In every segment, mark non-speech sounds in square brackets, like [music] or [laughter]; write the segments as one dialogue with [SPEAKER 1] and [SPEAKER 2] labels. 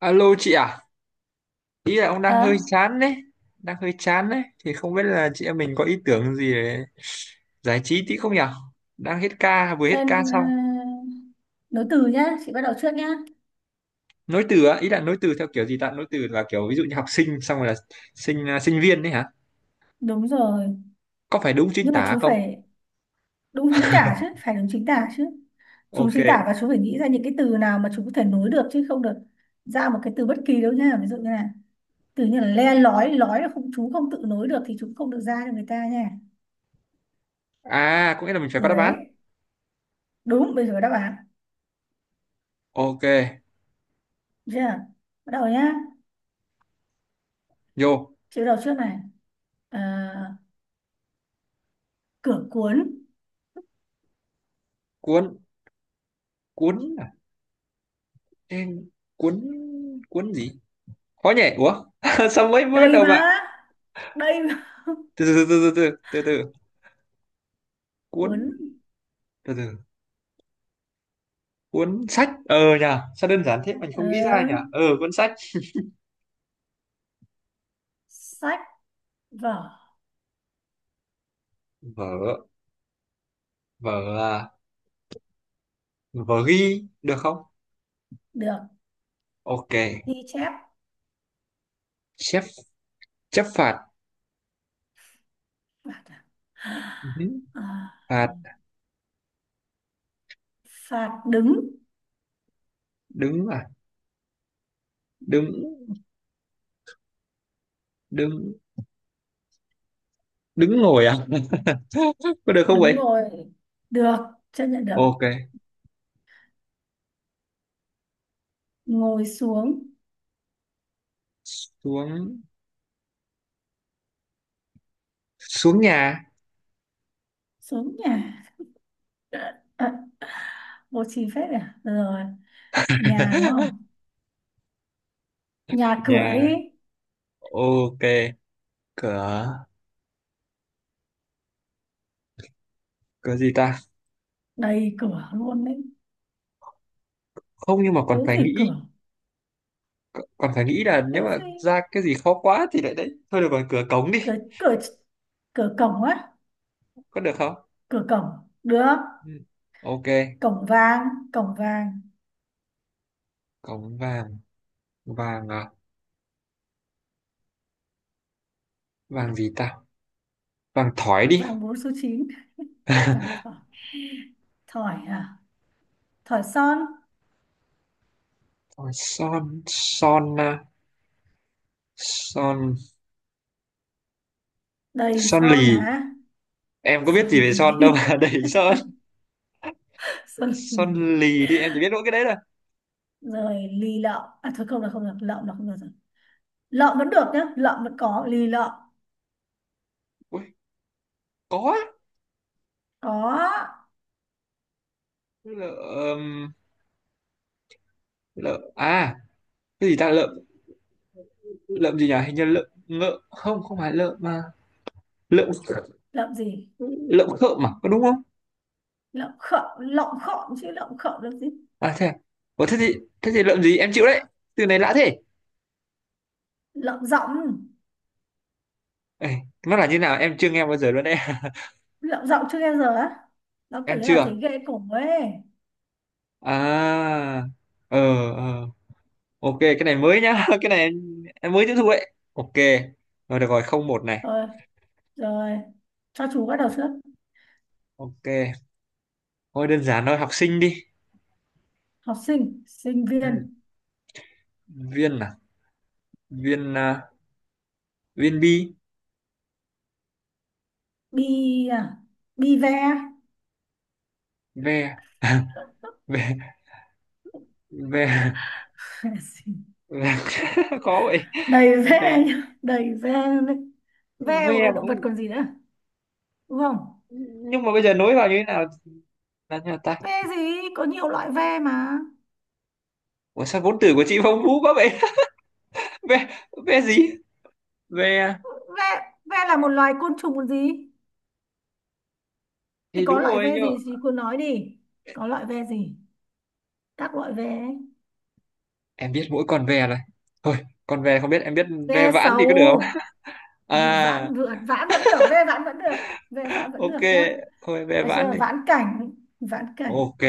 [SPEAKER 1] Alo chị à, ý là ông đang hơi
[SPEAKER 2] Hả?
[SPEAKER 1] chán đấy, thì không biết là chị em mình có ý tưởng gì để giải trí tí không nhỉ? Đang hết ca, vừa hết
[SPEAKER 2] Tên
[SPEAKER 1] ca xong.
[SPEAKER 2] nối từ nhá, chị bắt đầu trước nhá.
[SPEAKER 1] Nối từ á, ý là nối từ theo kiểu gì ta? Nối từ là kiểu ví dụ như học sinh xong rồi là sinh à, sinh viên đấy hả?
[SPEAKER 2] Đúng rồi,
[SPEAKER 1] Có phải đúng chính
[SPEAKER 2] nhưng mà
[SPEAKER 1] tả
[SPEAKER 2] chú
[SPEAKER 1] không?
[SPEAKER 2] phải đúng chính tả chứ, phải đúng chính tả chứ. Chú
[SPEAKER 1] Ok.
[SPEAKER 2] chính tả và chú phải nghĩ ra những cái từ nào mà chú có thể nối được chứ không được ra một cái từ bất kỳ đâu nha. Ví dụ như là từ như là le lói, lói là không chú không tự nối được thì chú không được ra cho người ta nha.
[SPEAKER 1] À, có nghĩa là mình phải có
[SPEAKER 2] Điều
[SPEAKER 1] đáp án.
[SPEAKER 2] đấy. Đúng, bây giờ có đáp án.
[SPEAKER 1] Ok.
[SPEAKER 2] Được chưa? Bắt đầu nhá.
[SPEAKER 1] Vô.
[SPEAKER 2] Chị bắt đầu trước này. Ờ, cửa cuốn.
[SPEAKER 1] Cuốn. Cuốn à? Ê, cuốn cuốn gì? Khó nhỉ? Ủa? [laughs] Sao mới mới bắt
[SPEAKER 2] Đây
[SPEAKER 1] đầu bạn?
[SPEAKER 2] mà. Đây mà.
[SPEAKER 1] Từ từ. Cuốn,
[SPEAKER 2] Cuốn.
[SPEAKER 1] từ từ cuốn sách. Ờ nhờ Sao đơn giản thế mình
[SPEAKER 2] Ờ.
[SPEAKER 1] không nghĩ ra nhờ. Ờ Cuốn sách
[SPEAKER 2] Sách vở
[SPEAKER 1] vở. Vở à, vở ghi được không?
[SPEAKER 2] được,
[SPEAKER 1] Ok.
[SPEAKER 2] ghi chép
[SPEAKER 1] chép Chép phạt.
[SPEAKER 2] phạt à?
[SPEAKER 1] Ừ,
[SPEAKER 2] À,
[SPEAKER 1] phạt
[SPEAKER 2] phạt đứng,
[SPEAKER 1] đứng à? Đứng đứng Đứng ngồi à? [laughs] Có được không
[SPEAKER 2] đứng
[SPEAKER 1] vậy?
[SPEAKER 2] ngồi được, chấp nhận được.
[SPEAKER 1] Ok.
[SPEAKER 2] Ngồi xuống,
[SPEAKER 1] Xuống, xuống nhà.
[SPEAKER 2] xuống nhà. À, bố trí phép à rồi nhà đúng không, nhà cửa đi.
[SPEAKER 1] Nhà. Ok. Cửa, cửa gì ta?
[SPEAKER 2] Đầy cửa luôn đấy.
[SPEAKER 1] Không nhưng mà còn
[SPEAKER 2] Thiếu
[SPEAKER 1] phải
[SPEAKER 2] gì
[SPEAKER 1] nghĩ,
[SPEAKER 2] cửa,
[SPEAKER 1] là nếu
[SPEAKER 2] thiếu
[SPEAKER 1] mà
[SPEAKER 2] gì.
[SPEAKER 1] ra cái gì khó quá thì lại đấy thôi. Được rồi, cửa cống
[SPEAKER 2] cửa
[SPEAKER 1] đi.
[SPEAKER 2] cửa cửa cổng á.
[SPEAKER 1] Có được không?
[SPEAKER 2] Cửa cổng được.
[SPEAKER 1] Ừ, ok.
[SPEAKER 2] Cổng vàng, cổng vàng.
[SPEAKER 1] Cống vàng, vàng à, vàng gì ta? Vàng thỏi đi.
[SPEAKER 2] Vàng bốn số chín. Vàng
[SPEAKER 1] [laughs]
[SPEAKER 2] thỏi, thỏi à, thỏi son.
[SPEAKER 1] Son, son à, son.
[SPEAKER 2] Đầy
[SPEAKER 1] Son
[SPEAKER 2] son
[SPEAKER 1] lì.
[SPEAKER 2] mà.
[SPEAKER 1] Em có
[SPEAKER 2] Sơn
[SPEAKER 1] biết gì về
[SPEAKER 2] lì,
[SPEAKER 1] son đâu mà. [laughs] Đẩy son.
[SPEAKER 2] [laughs] Sơn lì.
[SPEAKER 1] Son lì đi, em chỉ biết mỗi cái đấy thôi.
[SPEAKER 2] Rồi lì lợm. À thôi, không là không được. Lợm là không được rồi. Lợm vẫn được nhá. Lợm vẫn có. Lì lợm.
[SPEAKER 1] Ui, có á.
[SPEAKER 2] Có.
[SPEAKER 1] Lợm, lợm à, cái gì ta lợm? Lợm gì nhỉ, hình như lợm ngợ, không không phải lợm mà. Lợm,
[SPEAKER 2] Lợm gì?
[SPEAKER 1] lợm khợm mà, có đúng không?
[SPEAKER 2] Lợm khợm, Lợm khợm chứ. Lợm khợm là gì?
[SPEAKER 1] À thế à? Ủa, thế thì, thế thì lợm gì em chịu đấy, từ này lạ thế.
[SPEAKER 2] Lợm giọng.
[SPEAKER 1] Ê, nó là như nào em chưa nghe bao giờ luôn đấy.
[SPEAKER 2] Lợm giọng chưa nghe giờ á.
[SPEAKER 1] [laughs]
[SPEAKER 2] Nó kiểu
[SPEAKER 1] Em
[SPEAKER 2] như
[SPEAKER 1] chưa
[SPEAKER 2] là
[SPEAKER 1] à?
[SPEAKER 2] thấy ghê cổ ấy.
[SPEAKER 1] à ờ ờ ok, cái này mới nhá. [laughs] Cái này em mới tiếp thu ấy. Ok, rồi được rồi, không một này.
[SPEAKER 2] Thôi. Rồi. Cho chú bắt đầu trước.
[SPEAKER 1] Ok, thôi đơn giản thôi, học sinh đi.
[SPEAKER 2] Học sinh. Sinh
[SPEAKER 1] Ừ.
[SPEAKER 2] viên.
[SPEAKER 1] Viên à, viên à, viên bi.
[SPEAKER 2] Bi à. Bi ve.
[SPEAKER 1] Ve. [laughs] Ve, ve,
[SPEAKER 2] [laughs]
[SPEAKER 1] ve. [laughs] Khó vậy.
[SPEAKER 2] Đầy
[SPEAKER 1] Ve,
[SPEAKER 2] ve nhá, đầy ve. Ve
[SPEAKER 1] ve
[SPEAKER 2] một là
[SPEAKER 1] mà
[SPEAKER 2] động vật
[SPEAKER 1] không-.
[SPEAKER 2] còn gì nữa, đúng không?
[SPEAKER 1] Nhưng mà bây giờ nối vào như thế nào, là như nào ta?
[SPEAKER 2] Ve gì? Có nhiều loại ve mà.
[SPEAKER 1] Ủa sao vốn từ của chị phong phú quá vậy. [laughs] Ve, ve gì, ve?
[SPEAKER 2] Ve, ve là một loài côn trùng còn gì? Thì
[SPEAKER 1] Thì đúng
[SPEAKER 2] có loại
[SPEAKER 1] rồi.
[SPEAKER 2] ve gì thì cô nói đi. Có loại ve gì? Các loại ve ấy.
[SPEAKER 1] Em biết mỗi con ve này thôi, con ve không biết em biết. Ve
[SPEAKER 2] Ve
[SPEAKER 1] vãn thì có được không?
[SPEAKER 2] sầu. Ve
[SPEAKER 1] À,
[SPEAKER 2] vãn vượn. Vãn vẫn được. Ve vãn vẫn được. Ve vãn vẫn
[SPEAKER 1] ok,
[SPEAKER 2] được nhá.
[SPEAKER 1] thôi ve
[SPEAKER 2] Được
[SPEAKER 1] vãn
[SPEAKER 2] chưa?
[SPEAKER 1] đi.
[SPEAKER 2] Vãn cảnh, vãn cảnh.
[SPEAKER 1] Ok.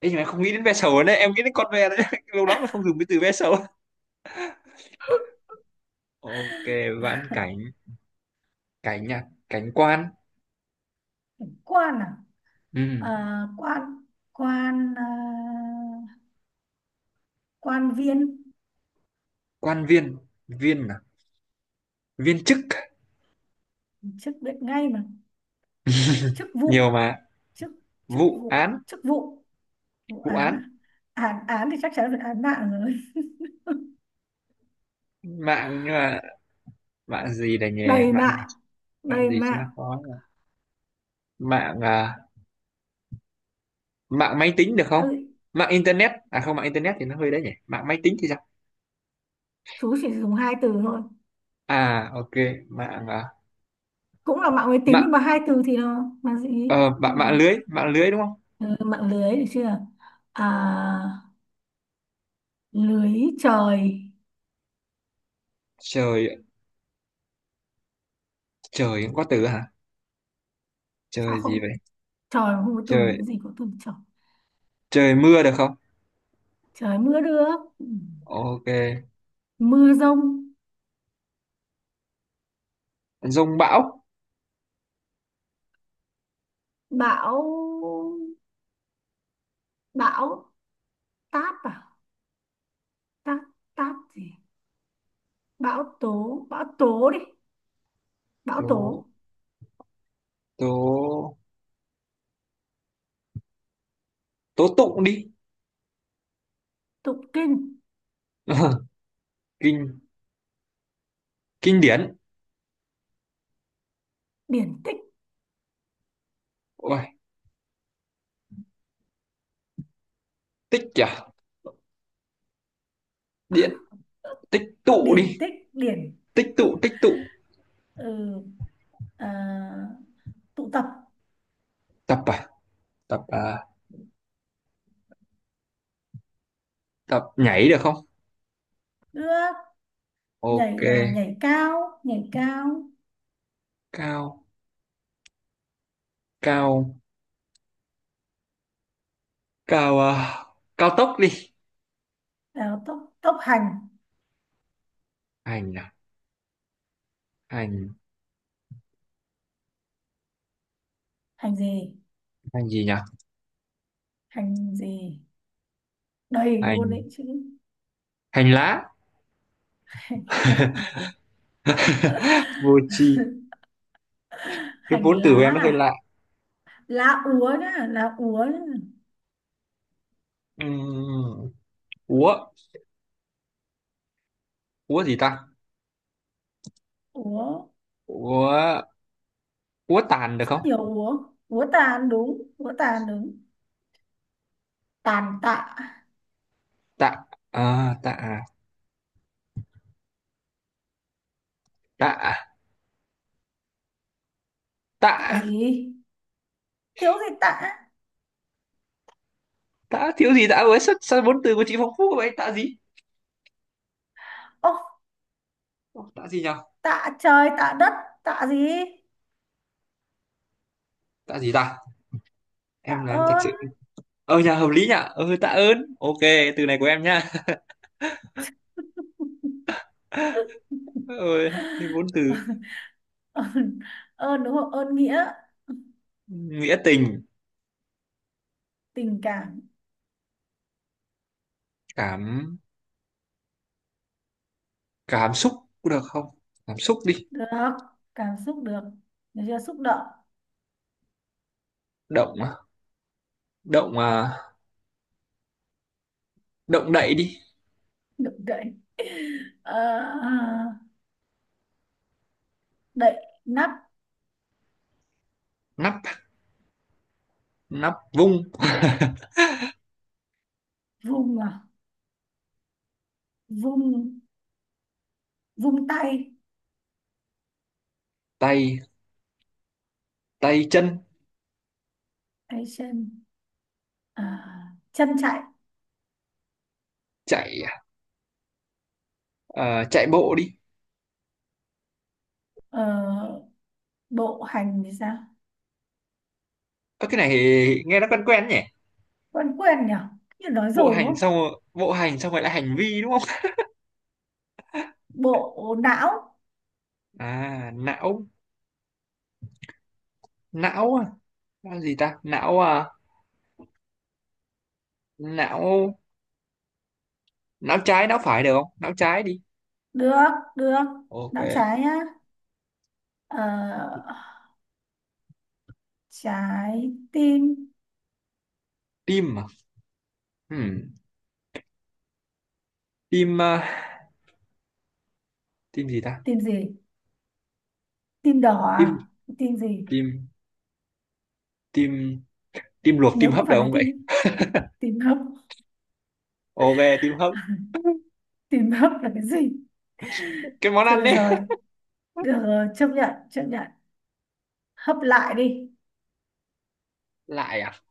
[SPEAKER 1] Ê, nhưng mà em không nghĩ đến ve sầu nữa, em nghĩ đến con ve đấy. [laughs] Lâu lắm mà không dùng cái từ ve sầu. Ok. Vãn cảnh, cảnh à, cảnh quan.
[SPEAKER 2] Quan à?
[SPEAKER 1] Ừ.
[SPEAKER 2] À, quan. Quan. À, quan viên.
[SPEAKER 1] Quan viên, viên à, viên chức.
[SPEAKER 2] Chức biết ngay mà. Chức
[SPEAKER 1] Nhiều
[SPEAKER 2] vụ.
[SPEAKER 1] mà.
[SPEAKER 2] Chức. Chức
[SPEAKER 1] Vụ
[SPEAKER 2] vụ.
[SPEAKER 1] án.
[SPEAKER 2] Chức vụ. Vụ
[SPEAKER 1] Vụ
[SPEAKER 2] án
[SPEAKER 1] án
[SPEAKER 2] à? Án, án thì chắc chắn là án mạng rồi.
[SPEAKER 1] mạng, nhưng mà mạng gì đây nhỉ?
[SPEAKER 2] Đầy
[SPEAKER 1] Mạng gì?
[SPEAKER 2] mạng,
[SPEAKER 1] Mạng
[SPEAKER 2] đầy
[SPEAKER 1] gì cho nó
[SPEAKER 2] mạng.
[SPEAKER 1] khó nhỉ? Mạng à, mạng máy tính được không?
[SPEAKER 2] Ừ,
[SPEAKER 1] Mạng internet, à không, mạng internet thì nó hơi đấy nhỉ, mạng máy tính thì sao?
[SPEAKER 2] chú chỉ dùng hai từ thôi,
[SPEAKER 1] À ok. Mạng à,
[SPEAKER 2] cũng là mạng máy tính
[SPEAKER 1] mạng.
[SPEAKER 2] nhưng mà hai từ thì nó mà gì.
[SPEAKER 1] Ờ
[SPEAKER 2] Mạng.
[SPEAKER 1] mạng lưới, mạng lưới đúng không?
[SPEAKER 2] Ừ, mạng lưới được chưa. À, lưới trời.
[SPEAKER 1] Trời. Trời cũng có từ hả?
[SPEAKER 2] Sao
[SPEAKER 1] Trời gì vậy?
[SPEAKER 2] không, trời mà không có từ,
[SPEAKER 1] Trời,
[SPEAKER 2] cái gì có từ trời.
[SPEAKER 1] trời mưa được không?
[SPEAKER 2] Trời mưa nước. Ừ.
[SPEAKER 1] Ok.
[SPEAKER 2] Mưa rông,
[SPEAKER 1] Dông bão.
[SPEAKER 2] bão. Bão táp à, táp. Táp gì, bão tố, bão tố đi. Bão
[SPEAKER 1] Tố,
[SPEAKER 2] tố,
[SPEAKER 1] tố, tố tụng đi.
[SPEAKER 2] tụ kinh
[SPEAKER 1] [laughs] Kinh, kinh điển.
[SPEAKER 2] điển tích.
[SPEAKER 1] Ôi, tích à. Điện tích tụ
[SPEAKER 2] Điển
[SPEAKER 1] đi.
[SPEAKER 2] tích, điển
[SPEAKER 1] Tích
[SPEAKER 2] tích
[SPEAKER 1] tụ,
[SPEAKER 2] tụ.
[SPEAKER 1] tích tụ.
[SPEAKER 2] Ừ, à, tụ tập
[SPEAKER 1] Tập à, tập à, tập nhảy được không?
[SPEAKER 2] nước.
[SPEAKER 1] Ok.
[SPEAKER 2] Nhảy à, nhảy cao, nhảy cao.
[SPEAKER 1] Cao, cao, cao ờ, cao tốc đi.
[SPEAKER 2] À, tốc, tốc hành.
[SPEAKER 1] Hành à, hành.
[SPEAKER 2] Hành gì,
[SPEAKER 1] Hành gì nhỉ?
[SPEAKER 2] hành gì, đầy luôn
[SPEAKER 1] Hành,
[SPEAKER 2] đấy chứ.
[SPEAKER 1] hành lá.
[SPEAKER 2] Hành lá,
[SPEAKER 1] [laughs] Vô tri, cái
[SPEAKER 2] hành
[SPEAKER 1] vốn
[SPEAKER 2] lá
[SPEAKER 1] từ của em nó hơi
[SPEAKER 2] à?
[SPEAKER 1] lạ.
[SPEAKER 2] Lá úa nhá, lá úa nhá.
[SPEAKER 1] Ừm, úa, úa gì ta?
[SPEAKER 2] Úa,
[SPEAKER 1] Úa, úa tàn được
[SPEAKER 2] rất
[SPEAKER 1] không?
[SPEAKER 2] nhiều úa. Úa tàn đúng, úa tàn đúng. Tàn tạ.
[SPEAKER 1] Tạ, à, tạ, tạ, tạ.
[SPEAKER 2] Tạ gì, thiếu gì tạ.
[SPEAKER 1] Tạ thiếu gì tạ với, sao, sao vốn từ của chị phong phú vậy? Tạ gì?
[SPEAKER 2] Ô,
[SPEAKER 1] Tạ gì nhỉ?
[SPEAKER 2] tạ trời tạ đất. Tạ gì,
[SPEAKER 1] Tạ gì ta?
[SPEAKER 2] tạ
[SPEAKER 1] Em là em thật
[SPEAKER 2] ơn.
[SPEAKER 1] sự. Ờ nhà hợp lý nhỉ, ờ tạ ơn ok. Từ này của em nha. [laughs] Ôi, cái vốn từ.
[SPEAKER 2] [laughs] Ơn, ơn đúng không, ơn nghĩa.
[SPEAKER 1] Nghĩa tình
[SPEAKER 2] Tình cảm
[SPEAKER 1] cảm. Cảm xúc cũng được không? Cảm xúc đi.
[SPEAKER 2] được, cảm xúc được. Được chưa, xúc động
[SPEAKER 1] Động à, động à, động đậy đi.
[SPEAKER 2] được, đậy. [laughs] Ờ, đậy nắp
[SPEAKER 1] Nắp, nắp vung.
[SPEAKER 2] vung. À, vung, vung tay.
[SPEAKER 1] Tay, tay chân.
[SPEAKER 2] Tay chân. À, chân chạy.
[SPEAKER 1] Chạy à, ờ, chạy bộ đi.
[SPEAKER 2] Ờ, bộ hành thì sao,
[SPEAKER 1] Ơ, cái này nghe nó quen quen nhỉ.
[SPEAKER 2] quen quen nhỉ, như nói
[SPEAKER 1] Bộ
[SPEAKER 2] rồi đúng
[SPEAKER 1] hành
[SPEAKER 2] không.
[SPEAKER 1] xong rồi, bộ hành xong rồi lại hành vi đúng không?
[SPEAKER 2] Bộ não
[SPEAKER 1] À não. Não là gì ta? Não à, não. Não trái não phải được không, não trái đi.
[SPEAKER 2] được, được.
[SPEAKER 1] Ok.
[SPEAKER 2] Não trái nhá. Ờ, trái tim.
[SPEAKER 1] Tim à. Hmm. Tim à, tim gì ta?
[SPEAKER 2] Tim gì, tim đỏ
[SPEAKER 1] Tim,
[SPEAKER 2] à, tim gì.
[SPEAKER 1] tim, tim. Tim luộc, tim
[SPEAKER 2] Nếu không
[SPEAKER 1] hấp được
[SPEAKER 2] phải là
[SPEAKER 1] không vậy?
[SPEAKER 2] tim, tim hấp.
[SPEAKER 1] Ok, tim hấp,
[SPEAKER 2] [laughs] Tim hấp là cái gì?
[SPEAKER 1] cái món
[SPEAKER 2] Thôi
[SPEAKER 1] ăn đấy.
[SPEAKER 2] được rồi, chấp nhận, chấp nhận. Hấp lại đi,
[SPEAKER 1] Lại à,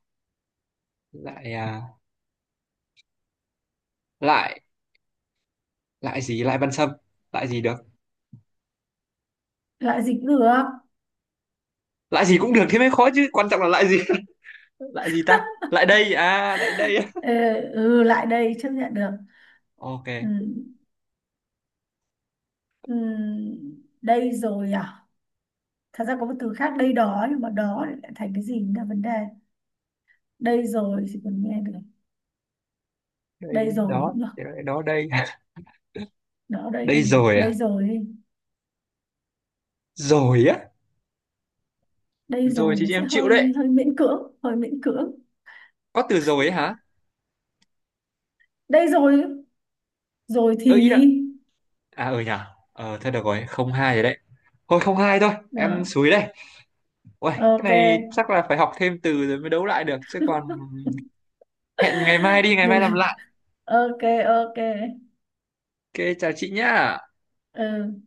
[SPEAKER 1] lại à, lại. Lại gì, lại Văn Sâm, lại gì được?
[SPEAKER 2] lại dịch cũng được.
[SPEAKER 1] Lại gì cũng được, thế mới khó chứ, quan trọng là lại gì. [laughs] Lại gì ta, lại đây à, lại đây á.
[SPEAKER 2] Ờ, ừ, lại đây, chấp nhận được.
[SPEAKER 1] Ok.
[SPEAKER 2] Ừ, ừ, đây rồi à? Thật ra có một từ khác đây đó, nhưng mà đó lại thành cái gì cũng là vấn đề. Đây rồi thì còn nghe được.
[SPEAKER 1] Đây
[SPEAKER 2] Đây rồi
[SPEAKER 1] đó.
[SPEAKER 2] cũng được.
[SPEAKER 1] Thế đó đây.
[SPEAKER 2] Đó,
[SPEAKER 1] [laughs]
[SPEAKER 2] đây
[SPEAKER 1] Đây
[SPEAKER 2] không được.
[SPEAKER 1] rồi à.
[SPEAKER 2] Đây rồi đi.
[SPEAKER 1] Rồi á.
[SPEAKER 2] Đây
[SPEAKER 1] Rồi
[SPEAKER 2] rồi nó
[SPEAKER 1] thì
[SPEAKER 2] sẽ
[SPEAKER 1] em chịu đấy,
[SPEAKER 2] hơi hơi miễn cưỡng, hơi miễn cưỡng.
[SPEAKER 1] có từ rồi ấy hả.
[SPEAKER 2] Đây rồi, rồi thì...
[SPEAKER 1] Ơ ý đã. À ở nhà ờ thôi được rồi, không hai rồi đấy, thôi không hai thôi em
[SPEAKER 2] Đó,
[SPEAKER 1] xúi đây. Ôi cái
[SPEAKER 2] ok.
[SPEAKER 1] này chắc là phải học thêm từ rồi mới đấu lại được chứ còn.
[SPEAKER 2] [laughs]
[SPEAKER 1] Hẹn ngày mai đi, ngày mai
[SPEAKER 2] Được,
[SPEAKER 1] làm lại.
[SPEAKER 2] ok, ok.
[SPEAKER 1] Ok, chào chị nhá.
[SPEAKER 2] Ừ.